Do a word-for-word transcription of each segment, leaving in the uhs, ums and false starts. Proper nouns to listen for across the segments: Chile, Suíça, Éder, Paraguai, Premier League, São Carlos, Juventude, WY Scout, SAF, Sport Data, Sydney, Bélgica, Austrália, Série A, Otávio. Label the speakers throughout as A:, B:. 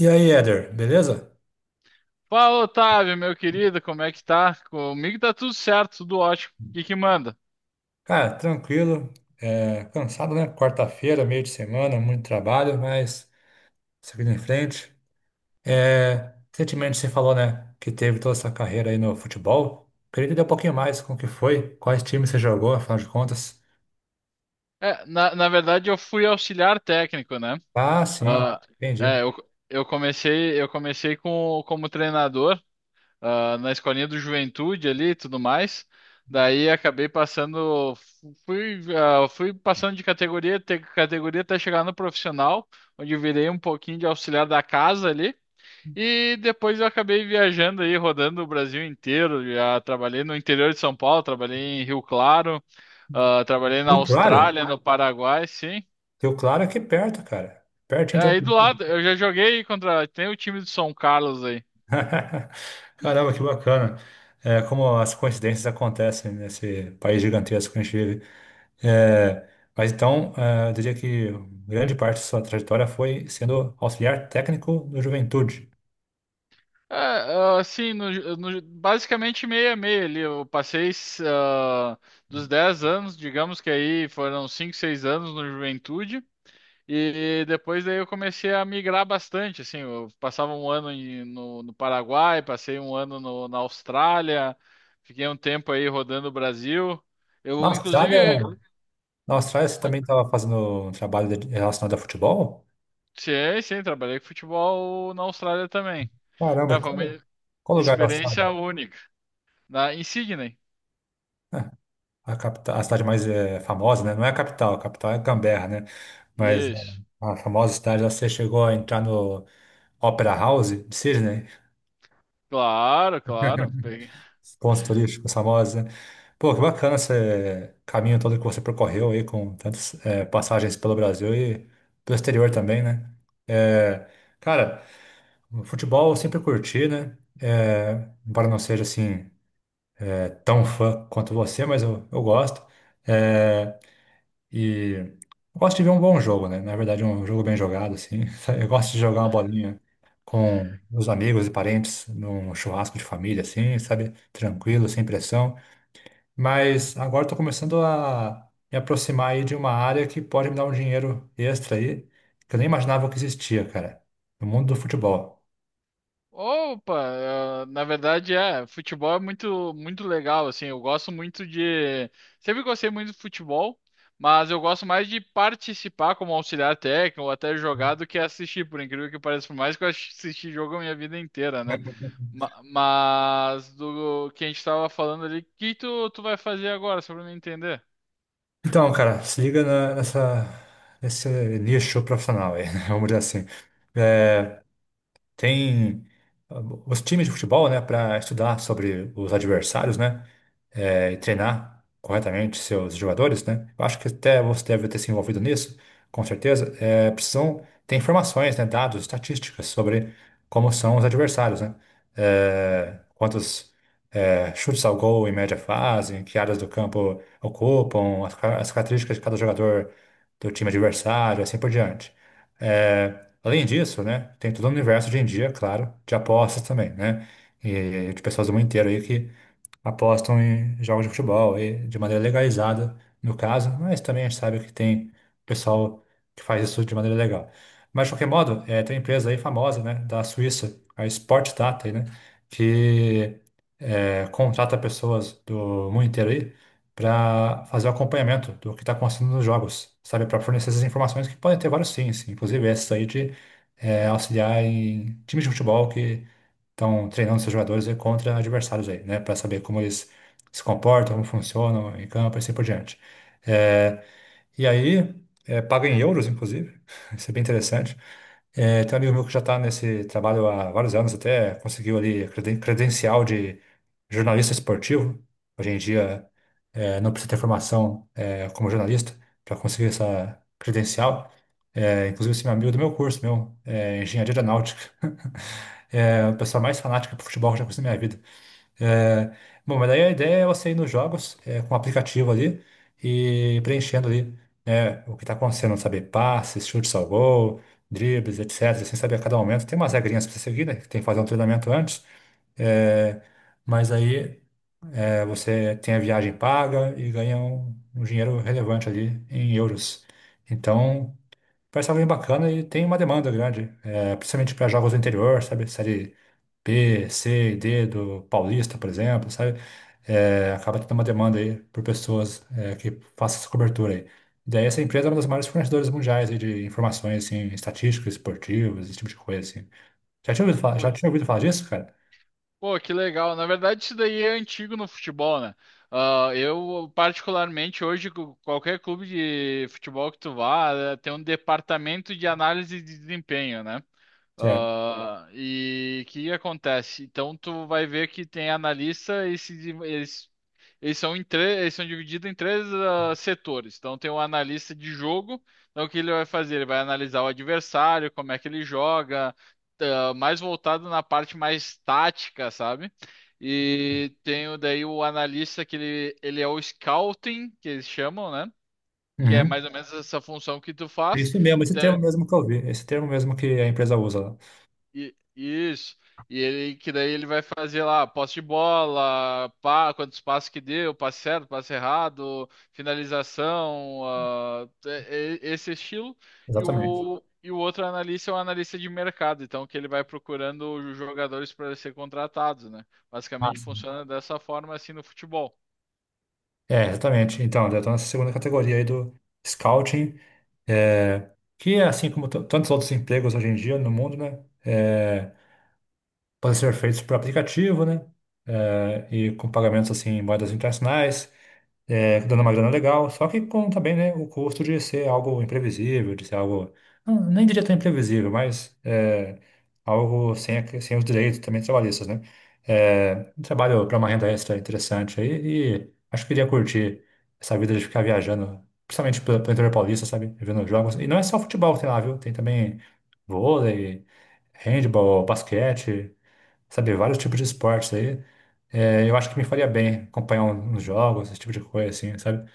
A: E aí, Éder, beleza?
B: Fala, Otávio, meu querido, como é que tá? Comigo tá tudo certo, tudo ótimo. O que que manda?
A: Cara, tranquilo, é, cansado, né? Quarta-feira, meio de semana, muito trabalho, mas seguindo em frente. É, recentemente você falou, né, que teve toda essa carreira aí no futebol. Queria entender um pouquinho mais com o que foi, quais times você jogou, afinal de contas.
B: É, na, na verdade, eu fui auxiliar técnico, né?
A: Ah, sim,
B: Ah, Ah,
A: entendi.
B: é, eu, eu comecei, eu comecei com, como treinador, ah, na escolinha do Juventude ali e tudo mais. Daí acabei passando, fui, ah, fui passando de categoria, te- categoria até chegar no profissional, onde eu virei um pouquinho de auxiliar da casa ali. E depois eu acabei viajando aí, rodando o Brasil inteiro. Já trabalhei no interior de São Paulo, trabalhei em Rio Claro, ah, trabalhei na
A: Rio Claro?
B: Austrália, no Paraguai, sim.
A: Rio Claro é aqui perto, cara.
B: E
A: Pertinho de
B: aí
A: onde eu
B: do
A: moro.
B: lado, eu já joguei contra. Tem o time de São Carlos aí.
A: Caramba, que bacana. É, como as coincidências acontecem nesse país gigantesco que a gente vive. É, mas então, é, eu diria que grande parte de sua trajetória foi sendo auxiliar técnico do Juventude.
B: É, ah, assim, no- no- basicamente meio a meio ali. Eu passei ah, dos dez anos, digamos que aí foram cinco seis anos no Juventude. E depois daí eu comecei a migrar bastante, assim, eu passava um ano em- no, no Paraguai, passei um ano no- na Austrália, fiquei um tempo aí rodando o Brasil.
A: Na
B: Eu,
A: Austrália,
B: inclusive,
A: Na Austrália você também estava fazendo um trabalho de- relacionado a futebol?
B: sim, sim, trabalhei com futebol na Austrália também.
A: Caramba, e
B: É, foi uma
A: qual, qual lugar da Austrália?
B: experiência única, na, em Sydney.
A: É, a capital, a cidade mais é, famosa, né? Não é a capital, a capital é Canberra, né? Mas é,
B: Isso,
A: a famosa cidade lá, você chegou a entrar no Opera House de Sydney?
B: claro, claro.
A: Pontos turísticos, famosa. Pô, que bacana esse caminho todo que você percorreu aí com tantas eh, passagens pelo Brasil e pelo exterior também, né? Eh, Cara, o futebol eu sempre curti, né? Eh, embora não seja assim eh, tão fã quanto você, mas eu, eu gosto. Eh, e eu gosto de ver um bom jogo, né? Na verdade, um jogo bem jogado, assim. Eu gosto de jogar uma bolinha com os amigos e parentes num churrasco de família, assim, sabe? Tranquilo, sem pressão. Mas agora estou começando a me aproximar aí de uma área que pode me dar um dinheiro extra aí, que eu nem imaginava que existia, cara, no mundo do futebol.
B: Opa, eh, na verdade é, futebol é muito muito legal assim. Eu gosto muito de, sempre gostei muito de futebol, mas eu gosto mais de participar como auxiliar técnico ou até jogar do que assistir, por incrível que pareça, por mais que eu assisti jogo a minha vida inteira, né? Ma- Mas do que a gente estava falando ali, o que tu tu vai fazer agora, só para me entender?
A: Então, cara, se liga na- nessa, nesse nicho profissional aí, né? Vamos dizer assim.
B: Uhum,
A: É, Tem ah, os times de futebol, né, para estudar sobre os adversários, né, eh, e
B: uhum,
A: treinar corretamente seus jogadores, né. Eu acho que até você deve ter se envolvido nisso, com certeza. Eh, precisam ter informações, né, dados, estatísticas sobre como são os adversários, né,
B: uhum,
A: Eh, quantos eh, chutes ao gol em média fazem, que áreas do campo ocupam, as, ca- as características de cada jogador do time adversário, assim por diante. Eh, Além disso, né, tem todo o universo hoje em dia, claro, de apostas também, né? E de pessoas do mundo inteiro aí que apostam em jogos de futebol e de maneira legalizada, no caso, mas também a gente sabe que tem pessoal que faz isso de maneira legal. Mas, de qualquer modo, é, tem uma empresa aí famosa, né, da Suíça, a Sport Data, aí, né, que é, contrata pessoas do mundo inteiro aí para fazer o acompanhamento do que está acontecendo nos jogos, sabe, para fornecer essas informações que podem ter vários fins, inclusive essa aí de é, auxiliar em times de futebol que estão treinando seus jogadores aí contra adversários aí, né? Para saber como eles se comportam, como funcionam em campo e assim por diante. É, e aí, é, paga em euros, inclusive. Isso é bem interessante. É, tem um amigo meu que já está nesse trabalho há vários anos, até conseguiu ali creden- credencial de jornalista esportivo. Hoje em dia, é, não precisa ter formação, é, como jornalista para conseguir essa credencial. É, inclusive, esse meu amigo do meu curso, meu, é engenharia aeronáutica. É,
B: uhum,
A: o pessoal mais fanático por futebol que eu já conheci na minha vida. É, Bom, mas daí a ideia é você ir nos jogos é, com o aplicativo ali e preenchendo ali né, o que está acontecendo, saber passes, chutes ao gol, dribles, et cetera. Sem saber a cada momento. Tem umas regrinhas para você seguir, né? Que tem que fazer um treinamento antes. É, mas aí é, você tem a viagem paga e ganha um, um dinheiro relevante ali em euros. Então, parece algo bem bacana e tem uma demanda grande, é, principalmente para jogos do interior, sabe? Série B, C e D do Paulista, por exemplo, sabe? É, acaba tendo uma demanda aí por pessoas é, que façam essa cobertura aí. Daí essa empresa é uma das maiores fornecedoras mundiais aí de informações assim, estatísticas, esportivas, esse tipo de coisa assim. Já tinha ouvido falar, já
B: uhum.
A: tinha ouvido falar disso, cara?
B: Pô, que legal. Na verdade, isso daí é antigo no futebol, né? Ah, eu, particularmente, hoje, cu- qualquer clube de futebol que tu vá, eh, tem um departamento de análise de desempenho, né?
A: Certo.
B: Ah, e o que acontece? Então tu vai ver que tem analista e se, div- eles, eles são em tre- eles são divididos em três ah, setores. Então tem o analista de jogo, então o que ele vai fazer? Ele vai analisar o adversário, como é que ele joga, tá, mais voltado na parte mais tática, sabe? E tem o- daí o analista que ele, ele é o scouting, que eles chamam, né? Que é
A: Uhum.
B: mais ou menos essa função que tu
A: É
B: faz.
A: isso mesmo, esse
B: Então,
A: termo mesmo que eu vi, esse termo mesmo que a empresa usa lá.
B: E, isso. E ele que daí ele vai fazer lá posse de bola, pá, quantos passos que deu, passe certo, passe errado, finalização, ah, é- é- esse estilo. E
A: Exatamente.
B: o, e o outro analista é um analista de mercado, então que ele vai procurando os jogadores para ser contratados, né?
A: Ah,
B: Basicamente
A: sim.
B: funciona dessa forma assim no futebol.
A: É, exatamente. Então, eu tô nessa segunda categoria aí do scouting, é, que é assim como t- tantos outros empregos hoje em dia no mundo, né? É, podem ser feitos por aplicativo, né? É, e com pagamentos assim em moedas internacionais, é, dando uma grana legal, só que com também, né, o custo de ser algo imprevisível, de ser algo, não, nem diria tão imprevisível, mas é, algo sem, a- sem os direitos também trabalhistas, né? É, um trabalho para uma renda extra interessante aí e acho que iria curtir essa vida de ficar viajando, principalmente pelo pelo interior paulista, sabe? Vendo jogos. E não é só futebol que tem lá, viu? Tem também vôlei, handball, basquete sabe, vários tipos de esportes aí. É, eu acho que me faria bem acompanhar um, uns jogos, esse tipo de coisa, assim, sabe?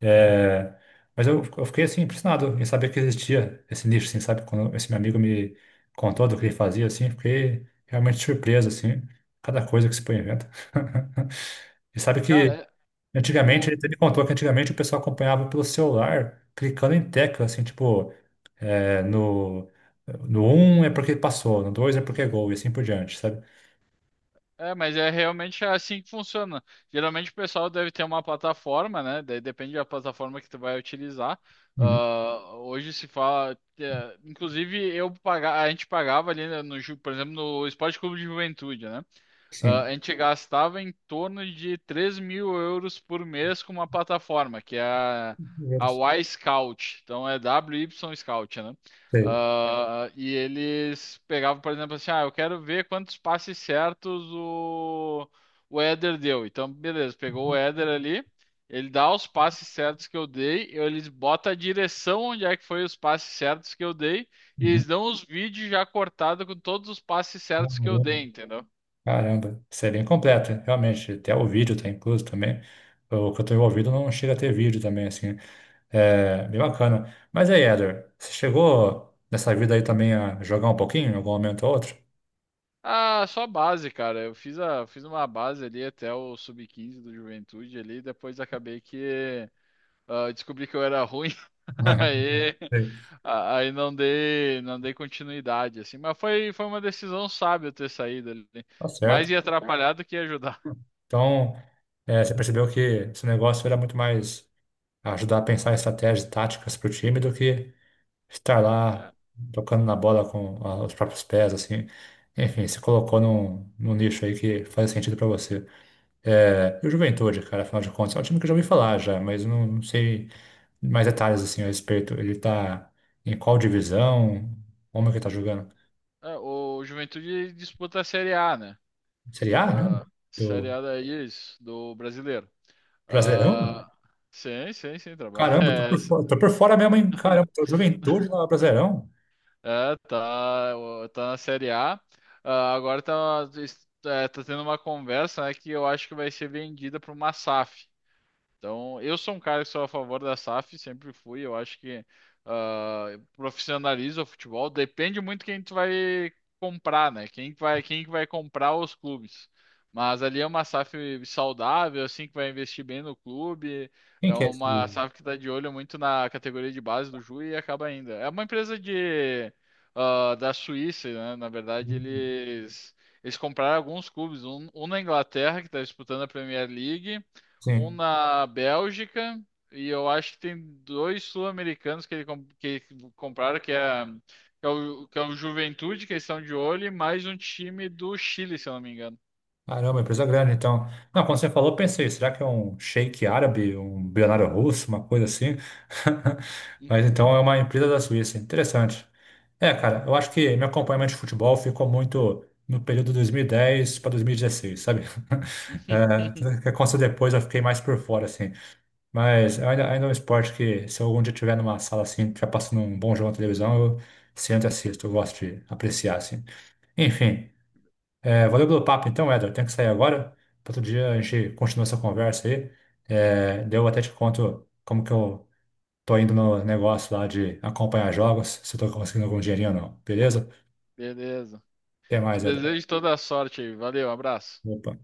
A: É, mas eu, eu fiquei, assim, impressionado em saber que existia esse nicho, assim, sabe? Quando esse meu amigo me contou do que ele fazia, assim, fiquei realmente surpreso, assim, cada coisa que se põe inventa. E sabe
B: Cara,
A: que
B: é-
A: antigamente, ele
B: o,
A: até me contou que antigamente o pessoal acompanhava pelo celular, clicando em tecla, assim, tipo, é, no, no um é porque passou, no dois é porque é gol, e assim por diante, sabe?
B: É, mas é realmente assim que funciona. Geralmente o pessoal deve ter uma plataforma, né? Daí depende da plataforma que tu vai utilizar.
A: Uhum.
B: Ah, hoje se fala, é, inclusive eu paga, a gente pagava ali né, no, Ju- por exemplo, no Esporte Clube de Juventude, né? Ah, a
A: Sim.
B: gente gastava em torno de três mil euros por mês com uma plataforma, que é a,
A: Primeiro,
B: a Y Scout. Então é W Y Scout, né?
A: sei.
B: Ah, e eles pegavam, por exemplo, assim: ah, eu quero ver quantos passes certos o, o Éder deu. Então, beleza, pegou o Éder ali, ele dá os passes certos que eu dei, eles botam a direção onde é que foi os passes certos que eu dei, e eles
A: Uhum.
B: dão os vídeos já cortados com todos os passes certos que eu
A: Caramba,
B: dei, entendeu?
A: caramba, isso é bem completo, realmente. Até o vídeo tá incluso também. O que eu tô envolvido não chega a ter vídeo também, assim. É bem bacana. Mas aí, Eder, você chegou nessa vida aí também a jogar um pouquinho, em algum momento ou outro?
B: Ah, só base, cara. Eu fiz a, fiz uma base ali até o sub quinze do Juventude ali, depois acabei que ah, descobri que eu era ruim, aí,
A: Sei.
B: a- aí não dei, não dei continuidade, assim. Mas foi, foi uma decisão sábia eu ter saído ali.
A: Tá
B: Mais
A: certo.
B: ia atrapalhar do que ia ajudar.
A: Então, é, você percebeu que esse negócio era muito mais ajudar a pensar em estratégias táticas para o time do que estar lá
B: É,
A: tocando na bola com a- os próprios pés, assim. Enfim, se colocou num, num nicho aí que faz sentido pra você. É, e o Juventude, cara, afinal de contas, é um time que eu já ouvi falar já, mas eu não, não sei mais detalhes assim a respeito. Ele tá em qual divisão? Como é que ele tá jogando?
B: é, o Juventude disputa a Série A, né?
A: Série A mesmo?
B: A Série
A: Do
B: A daí, isso, do brasileiro.
A: Brasileirão?
B: Ah, sim, sim, sim, trabalha.
A: Caramba, tô por fora, tô por fora mesmo, hein? Caramba, tô Juventude lá, Brasileirão?
B: É, tá, o- tá na Série A. Ah, agora tá, es- é, tá tendo uma conversa, né, que eu acho que vai ser vendida para uma SAF. Então, eu sou um cara que sou a favor da SAF, sempre fui. Eu acho que ah, profissionaliza o futebol. Depende muito quem tu vai comprar, né? Quem que vai, quem que vai comprar os clubes. Mas ali é uma SAF saudável, assim, que vai investir bem no clube.
A: Quem
B: É
A: que é
B: uma
A: esse?
B: SAF que está de olho muito na categoria de base do Ju e acaba ainda. É uma empresa de, ah, da Suíça, né? Na verdade, eles, eles compraram alguns clubes. Um, um na Inglaterra, que está disputando a Premier League. Um
A: Sim.
B: na Bélgica e eu acho que tem dois sul-americanos que ele com- que compraram que é que é o, que é o Juventude, que eles estão de olho, e mais um time do Chile, se eu não me engano.
A: Caramba, empresa grande, então. Não, quando você falou, eu pensei, será que é um sheik árabe, um bilionário russo, uma coisa assim? Mas então é uma empresa da Suíça, interessante. É, cara, eu acho que meu acompanhamento de futebol ficou muito no período dois mil e dez para dois mil e dezesseis, sabe? É, o que aconteceu depois eu fiquei mais por fora, assim. Mas é ainda, ainda é um esporte que, se eu algum dia estiver numa sala assim, já passando um bom jogo na televisão, eu sento e assisto, eu gosto de apreciar, assim. Enfim. É, valeu pelo papo, então, Éder. Tenho que sair agora. Outro dia a gente continua essa conversa aí. É, daí eu até te conto como que eu tô indo no negócio lá de acompanhar jogos, se eu tô conseguindo algum dinheirinho ou não. Beleza?
B: Beleza.
A: Até
B: Te
A: mais, Éder.
B: desejo toda a sorte aí. Valeu, abraço.
A: Opa.